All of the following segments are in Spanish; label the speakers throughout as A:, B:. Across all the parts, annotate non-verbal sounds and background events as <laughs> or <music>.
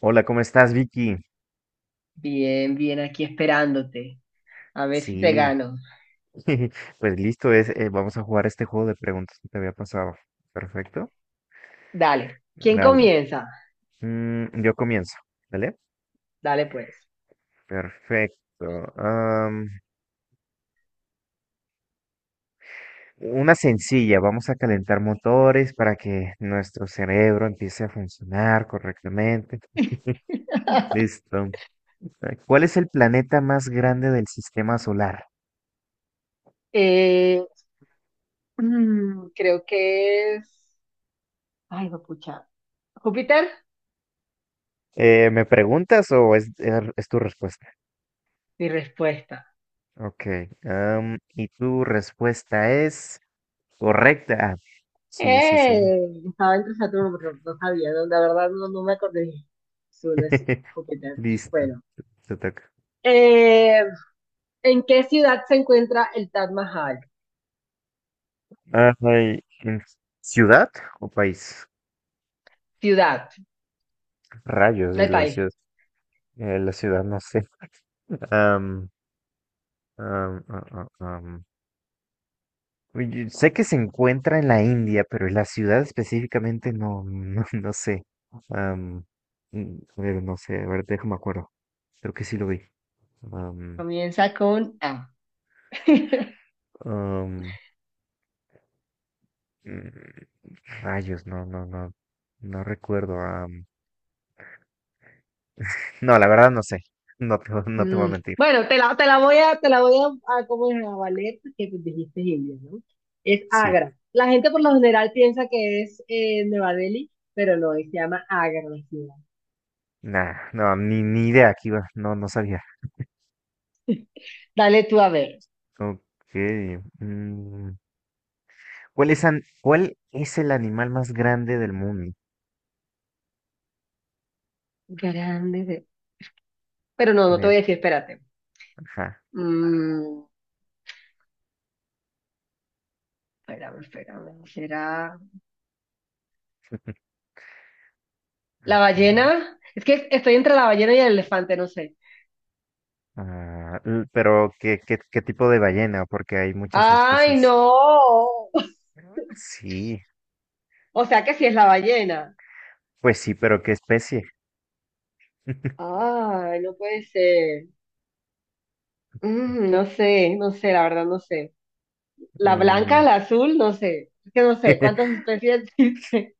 A: Hola, ¿cómo estás, Vicky?
B: Bien, bien, aquí esperándote. A ver si te
A: Sí,
B: gano.
A: <laughs> pues listo, vamos a jugar este juego de preguntas que te había pasado. Perfecto.
B: Dale. ¿Quién
A: Dale.
B: comienza?
A: Yo comienzo, ¿vale?
B: Dale, pues.
A: Perfecto. Am, una sencilla, vamos a calentar motores para que nuestro cerebro empiece a funcionar correctamente.
B: <laughs>
A: Listo. ¿Cuál es el planeta más grande del sistema solar?
B: Eh, creo que es. Ay, pucha. ¿Júpiter?
A: ¿Me preguntas o es tu respuesta?
B: Mi respuesta.
A: Ok. Y tu respuesta es... correcta. Ah, sí, sí, sí.
B: ¡Eh! Estaba entre Saturno, pero no sabía, no, la verdad no me acordé. Su No es
A: <laughs>
B: Júpiter.
A: Listo.
B: Bueno.
A: Te toca.
B: Eh, ¿En qué ciudad se encuentra el Taj Mahal?
A: Ay, ¿ciudad o país?
B: Ciudad,
A: Rayos
B: no
A: de
B: hay
A: la
B: país.
A: ciudad. La ciudad, no sé. Am, am, ah, ah, am. Uy, sé que se encuentra en la India, pero la ciudad específicamente <laughs> no sé. Am, a ver, no sé. A ver, déjame acuerdo. Creo que sí lo vi. Am,
B: Comienza con A. <laughs>
A: am, mm, Rayos, no, no, no. No recuerdo. No, la verdad no sé. <laughs> No te voy a mentir.
B: Bueno, te la voy a, te la voy a ¿cómo es? A valer, que dijiste India, ¿no? Es
A: Sí.
B: Agra. La gente por lo general piensa que es Nueva Delhi, pero no, se llama Agra la ciudad.
A: Nah, no, ni idea que iba. No, no sabía.
B: Dale tú a ver.
A: Ok. mm, ¿Cuál es, cuál es el animal más grande del mundo?
B: Grande. Pero no te
A: Bien,
B: voy a decir, espérate.
A: ajá.
B: Mm, espérame. ¿Será
A: <laughs>
B: la
A: Ajá, ¿no?
B: ballena? Es que estoy entre la ballena y el elefante, no sé.
A: Ah, pero ¿qué, qué, qué tipo de ballena? Porque hay muchas
B: ¡Ay,
A: especies.
B: no! <laughs>
A: Sí,
B: O sea que sí es la ballena.
A: pues sí, pero ¿qué especie? <laughs>
B: Ay, no puede ser. No sé, la verdad no sé. La
A: Mm,
B: blanca, la azul, no sé. Es que no sé cuántas
A: <laughs>
B: especies <laughs> existen.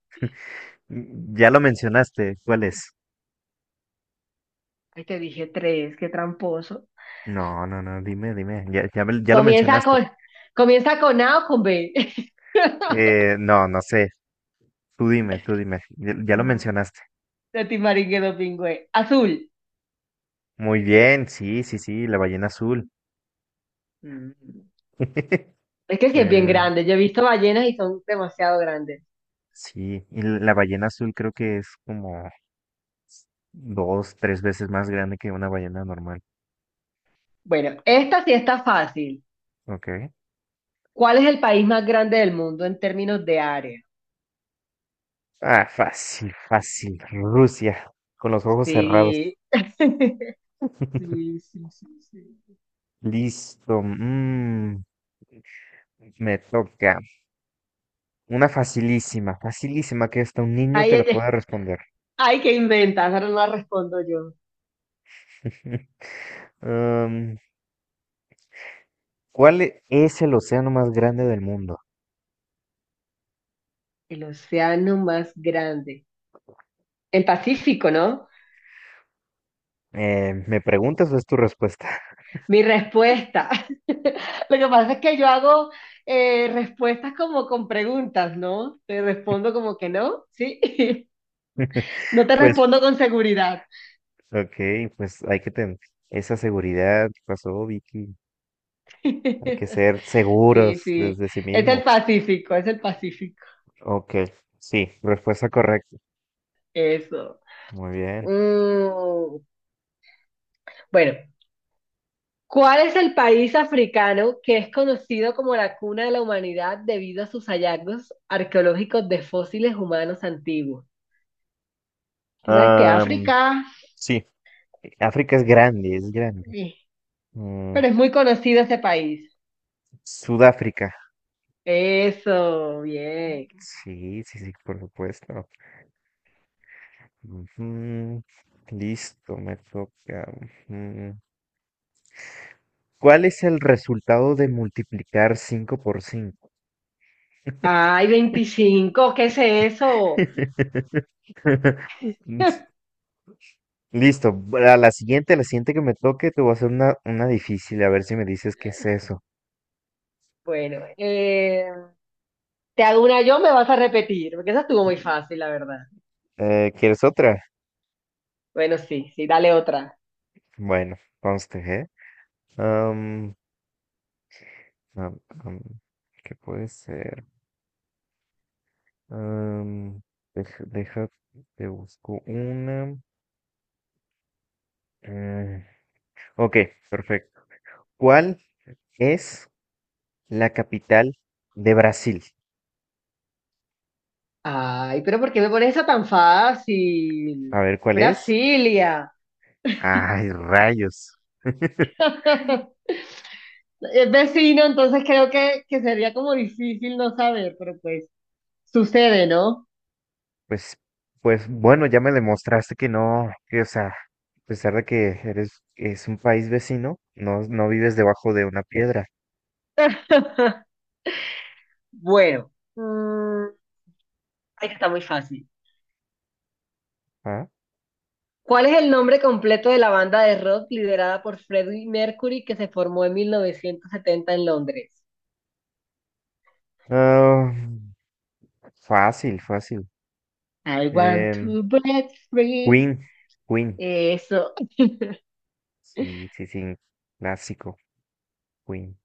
A: ya lo mencionaste. ¿Cuál es?
B: Ay, te dije tres, qué tramposo.
A: No, no, no, dime, dime. Ya, ya, ya lo
B: Comienza
A: mencionaste.
B: con, comienza con A o con B. <laughs>
A: No, no sé. Tú dime, tú dime. Ya lo
B: Mm,
A: mencionaste.
B: De Timaringuedo Pingüe. Azul.
A: Muy bien, sí, sí, sí, la ballena azul.
B: Mm.
A: <laughs>
B: Es que sí es bien
A: Eh,
B: grande. Yo he visto ballenas y son demasiado grandes.
A: sí, y la ballena azul creo que es como dos, tres veces más grande que una ballena normal.
B: Bueno, esta sí está fácil.
A: Ok.
B: ¿Cuál es el país más grande del mundo en términos de área?
A: Ah, fácil, fácil. Rusia, con los ojos cerrados.
B: Sí. <laughs> Sí,
A: <laughs>
B: sí, sí, sí.
A: Listo. Me toca. Una facilísima, facilísima que hasta un niño te la
B: Ahí
A: pueda responder.
B: ay, ¿qué inventas? Ahora no respondo yo.
A: <laughs> Am, ¿Cuál es el océano más grande del mundo?
B: El océano más grande. El Pacífico, ¿no?
A: ¿Me preguntas o es tu respuesta?
B: Mi respuesta. <laughs> Lo que pasa es que yo hago respuestas como con preguntas, ¿no? Te respondo como que no, ¿sí? <laughs>
A: <laughs>
B: No te
A: Pues,
B: respondo con seguridad.
A: ok, pues hay que tener esa seguridad. ¿Qué pasó, Vicky? Hay que
B: <laughs>
A: ser seguros
B: Sí, sí.
A: desde sí
B: Es
A: mismo.
B: el Pacífico, es el Pacífico.
A: Ok, sí, respuesta correcta.
B: Eso.
A: Muy bien.
B: Mm, bueno, ¿cuál es el país africano que es conocido como la cuna de la humanidad debido a sus hallazgos arqueológicos de fósiles humanos antiguos? Tú sabes que
A: Am,
B: África,
A: sí, África es grande, es grande.
B: eh,
A: Mm,
B: pero es muy conocido ese país.
A: Sudáfrica.
B: Eso, bien.
A: Sí, sí, sí, por supuesto. Ujú, listo, me toca. Ujú. ¿Cuál es el resultado de multiplicar 5 por 5?
B: Ay, 25, ¿qué es eso?
A: <laughs>
B: <laughs>
A: Listo. A la siguiente que me toque, te voy a hacer una difícil, a ver si me dices qué es eso.
B: Bueno, te hago una yo, me vas a repetir, porque esa estuvo muy fácil, la verdad.
A: ¿Quieres otra?
B: Bueno, sí, sí, dale otra.
A: Bueno, conste, ¿eh? Am, am, am, ¿Qué puede ser? Am, deja, deja, te busco una. Eh, ok, perfecto. ¿Cuál es la capital de Brasil?
B: Ay, pero ¿por qué me pones esa tan
A: A
B: fácil?
A: ver cuál es.
B: Brasilia.
A: Ay, rayos. <laughs>
B: <laughs> Es vecino, entonces creo que sería como difícil no saber, pero pues sucede, ¿no?
A: Pues, pues bueno, ya me demostraste que no, que, o sea, a pesar de que eres, es un país vecino, no, no vives debajo de una piedra.
B: <laughs> Bueno, ay, que está muy fácil.
A: ¿Ah?
B: ¿Cuál es el nombre completo de la banda de rock liderada por Freddie Mercury que se formó en 1970 en Londres?
A: Ah, fácil, fácil.
B: I want
A: Em,
B: to break free.
A: Queen, Queen.
B: Eso.
A: Sí, sí, sí, clásico, Queen.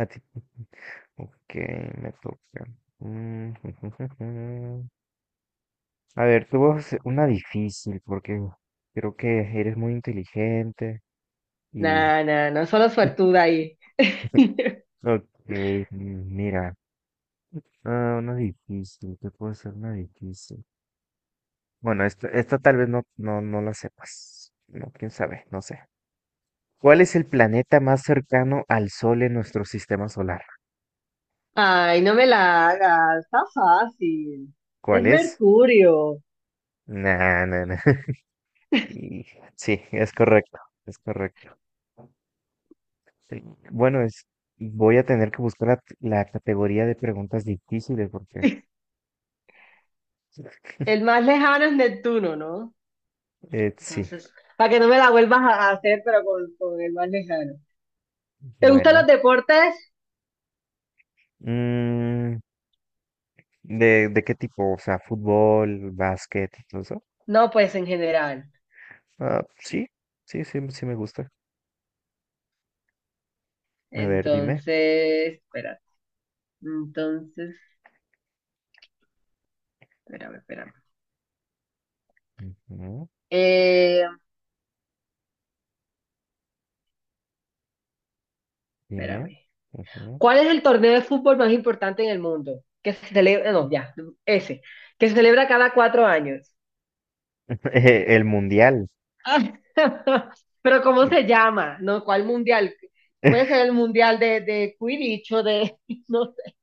A: A ti- <laughs> Ok, me toca. Mm, <laughs> a ver, tú vas una difícil porque creo que eres muy inteligente y...
B: No, no, no, solo
A: <laughs>
B: suertuda ahí. <laughs>
A: Ok, mm, mira, ah, una difícil, ¿qué puedo hacer una difícil? Bueno, esta tal vez no, no, no la sepas. No, quién sabe, no sé. ¿Cuál es el planeta más cercano al Sol en nuestro sistema solar?
B: Ay, no me la hagas, está fácil. Es
A: ¿Cuál es?
B: Mercurio.
A: Nah, nah, nah. <laughs> Y Sí, es correcto, es correcto. Sí, bueno, es, voy a tener que buscar la categoría de preguntas difíciles porque
B: El más lejano es Neptuno, ¿no?
A: sí,
B: Entonces, para que no me la vuelvas a hacer, pero con el más lejano. ¿Te gustan los
A: bueno.
B: deportes?
A: Mm, de qué tipo? O sea, fútbol, básquet, todo eso.
B: No, pues en general.
A: Ah, sí, sí, sí, sí me gusta. A ver, dime.
B: Entonces, espérate. Entonces, espérame.
A: Ujú,
B: Eh,
A: dime.
B: espérame.
A: Ujú.
B: ¿Cuál es el torneo de fútbol más importante en el mundo? Que se celebra, no, ya, ese, que se celebra cada 4 años.
A: <laughs> El mundial.
B: <laughs> Pero ¿cómo se llama? ¿No? ¿Cuál mundial? Puede
A: <laughs>
B: ser el mundial de Quidditch o de, <laughs> no sé.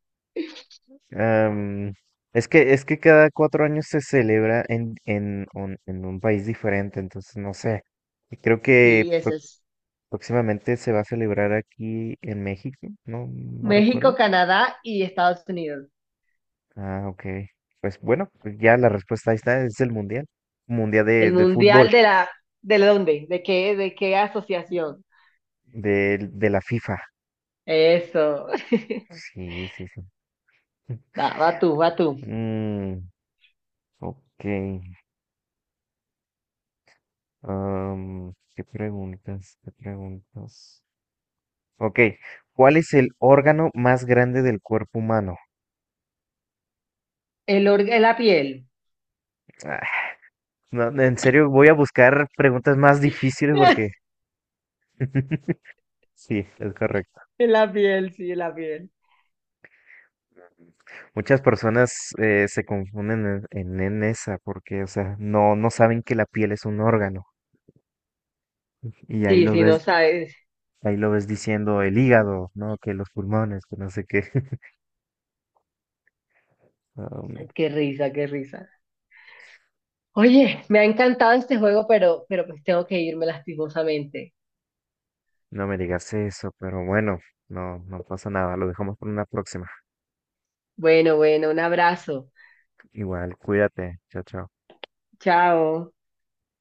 A: Am, es que cada 4 años se celebra un en un país diferente, entonces no sé. Y creo que
B: Sí, ese es.
A: próximamente se va a celebrar aquí en México, no, no
B: México,
A: recuerdo.
B: Canadá y Estados Unidos.
A: Ah, ok. Pues bueno, pues ya la respuesta ahí está, es el Mundial. Mundial
B: El
A: de
B: mundial
A: fútbol,
B: ¿de la dónde? De qué asociación?
A: de la FIFA.
B: Eso. <laughs>
A: Sí, sí, sí. <laughs>
B: Va, va tú, va tú.
A: Mm, ok. ¿Qué preguntas? ¿Qué preguntas? Ok. ¿Cuál es el órgano más grande del cuerpo humano?
B: La piel.
A: Ah, no, en serio, voy a buscar preguntas más difíciles porque...
B: <laughs>
A: <laughs> Sí, es correcto.
B: En la piel, sí, en la piel.
A: Muchas personas se confunden en esa porque, o sea, no, no saben que la piel es un órgano y
B: Sí, sí, no sabes.
A: ahí lo ves diciendo el hígado, ¿no? Que los pulmones, que no sé qué. <laughs> Um,
B: Qué risa, qué risa. Oye, me ha encantado este juego, pero pues tengo que irme lastimosamente.
A: no me digas eso, pero bueno, no, no pasa nada, lo dejamos por una próxima.
B: Bueno, bueno, un abrazo.
A: Igual, cuídate, chao, chao.
B: Chao.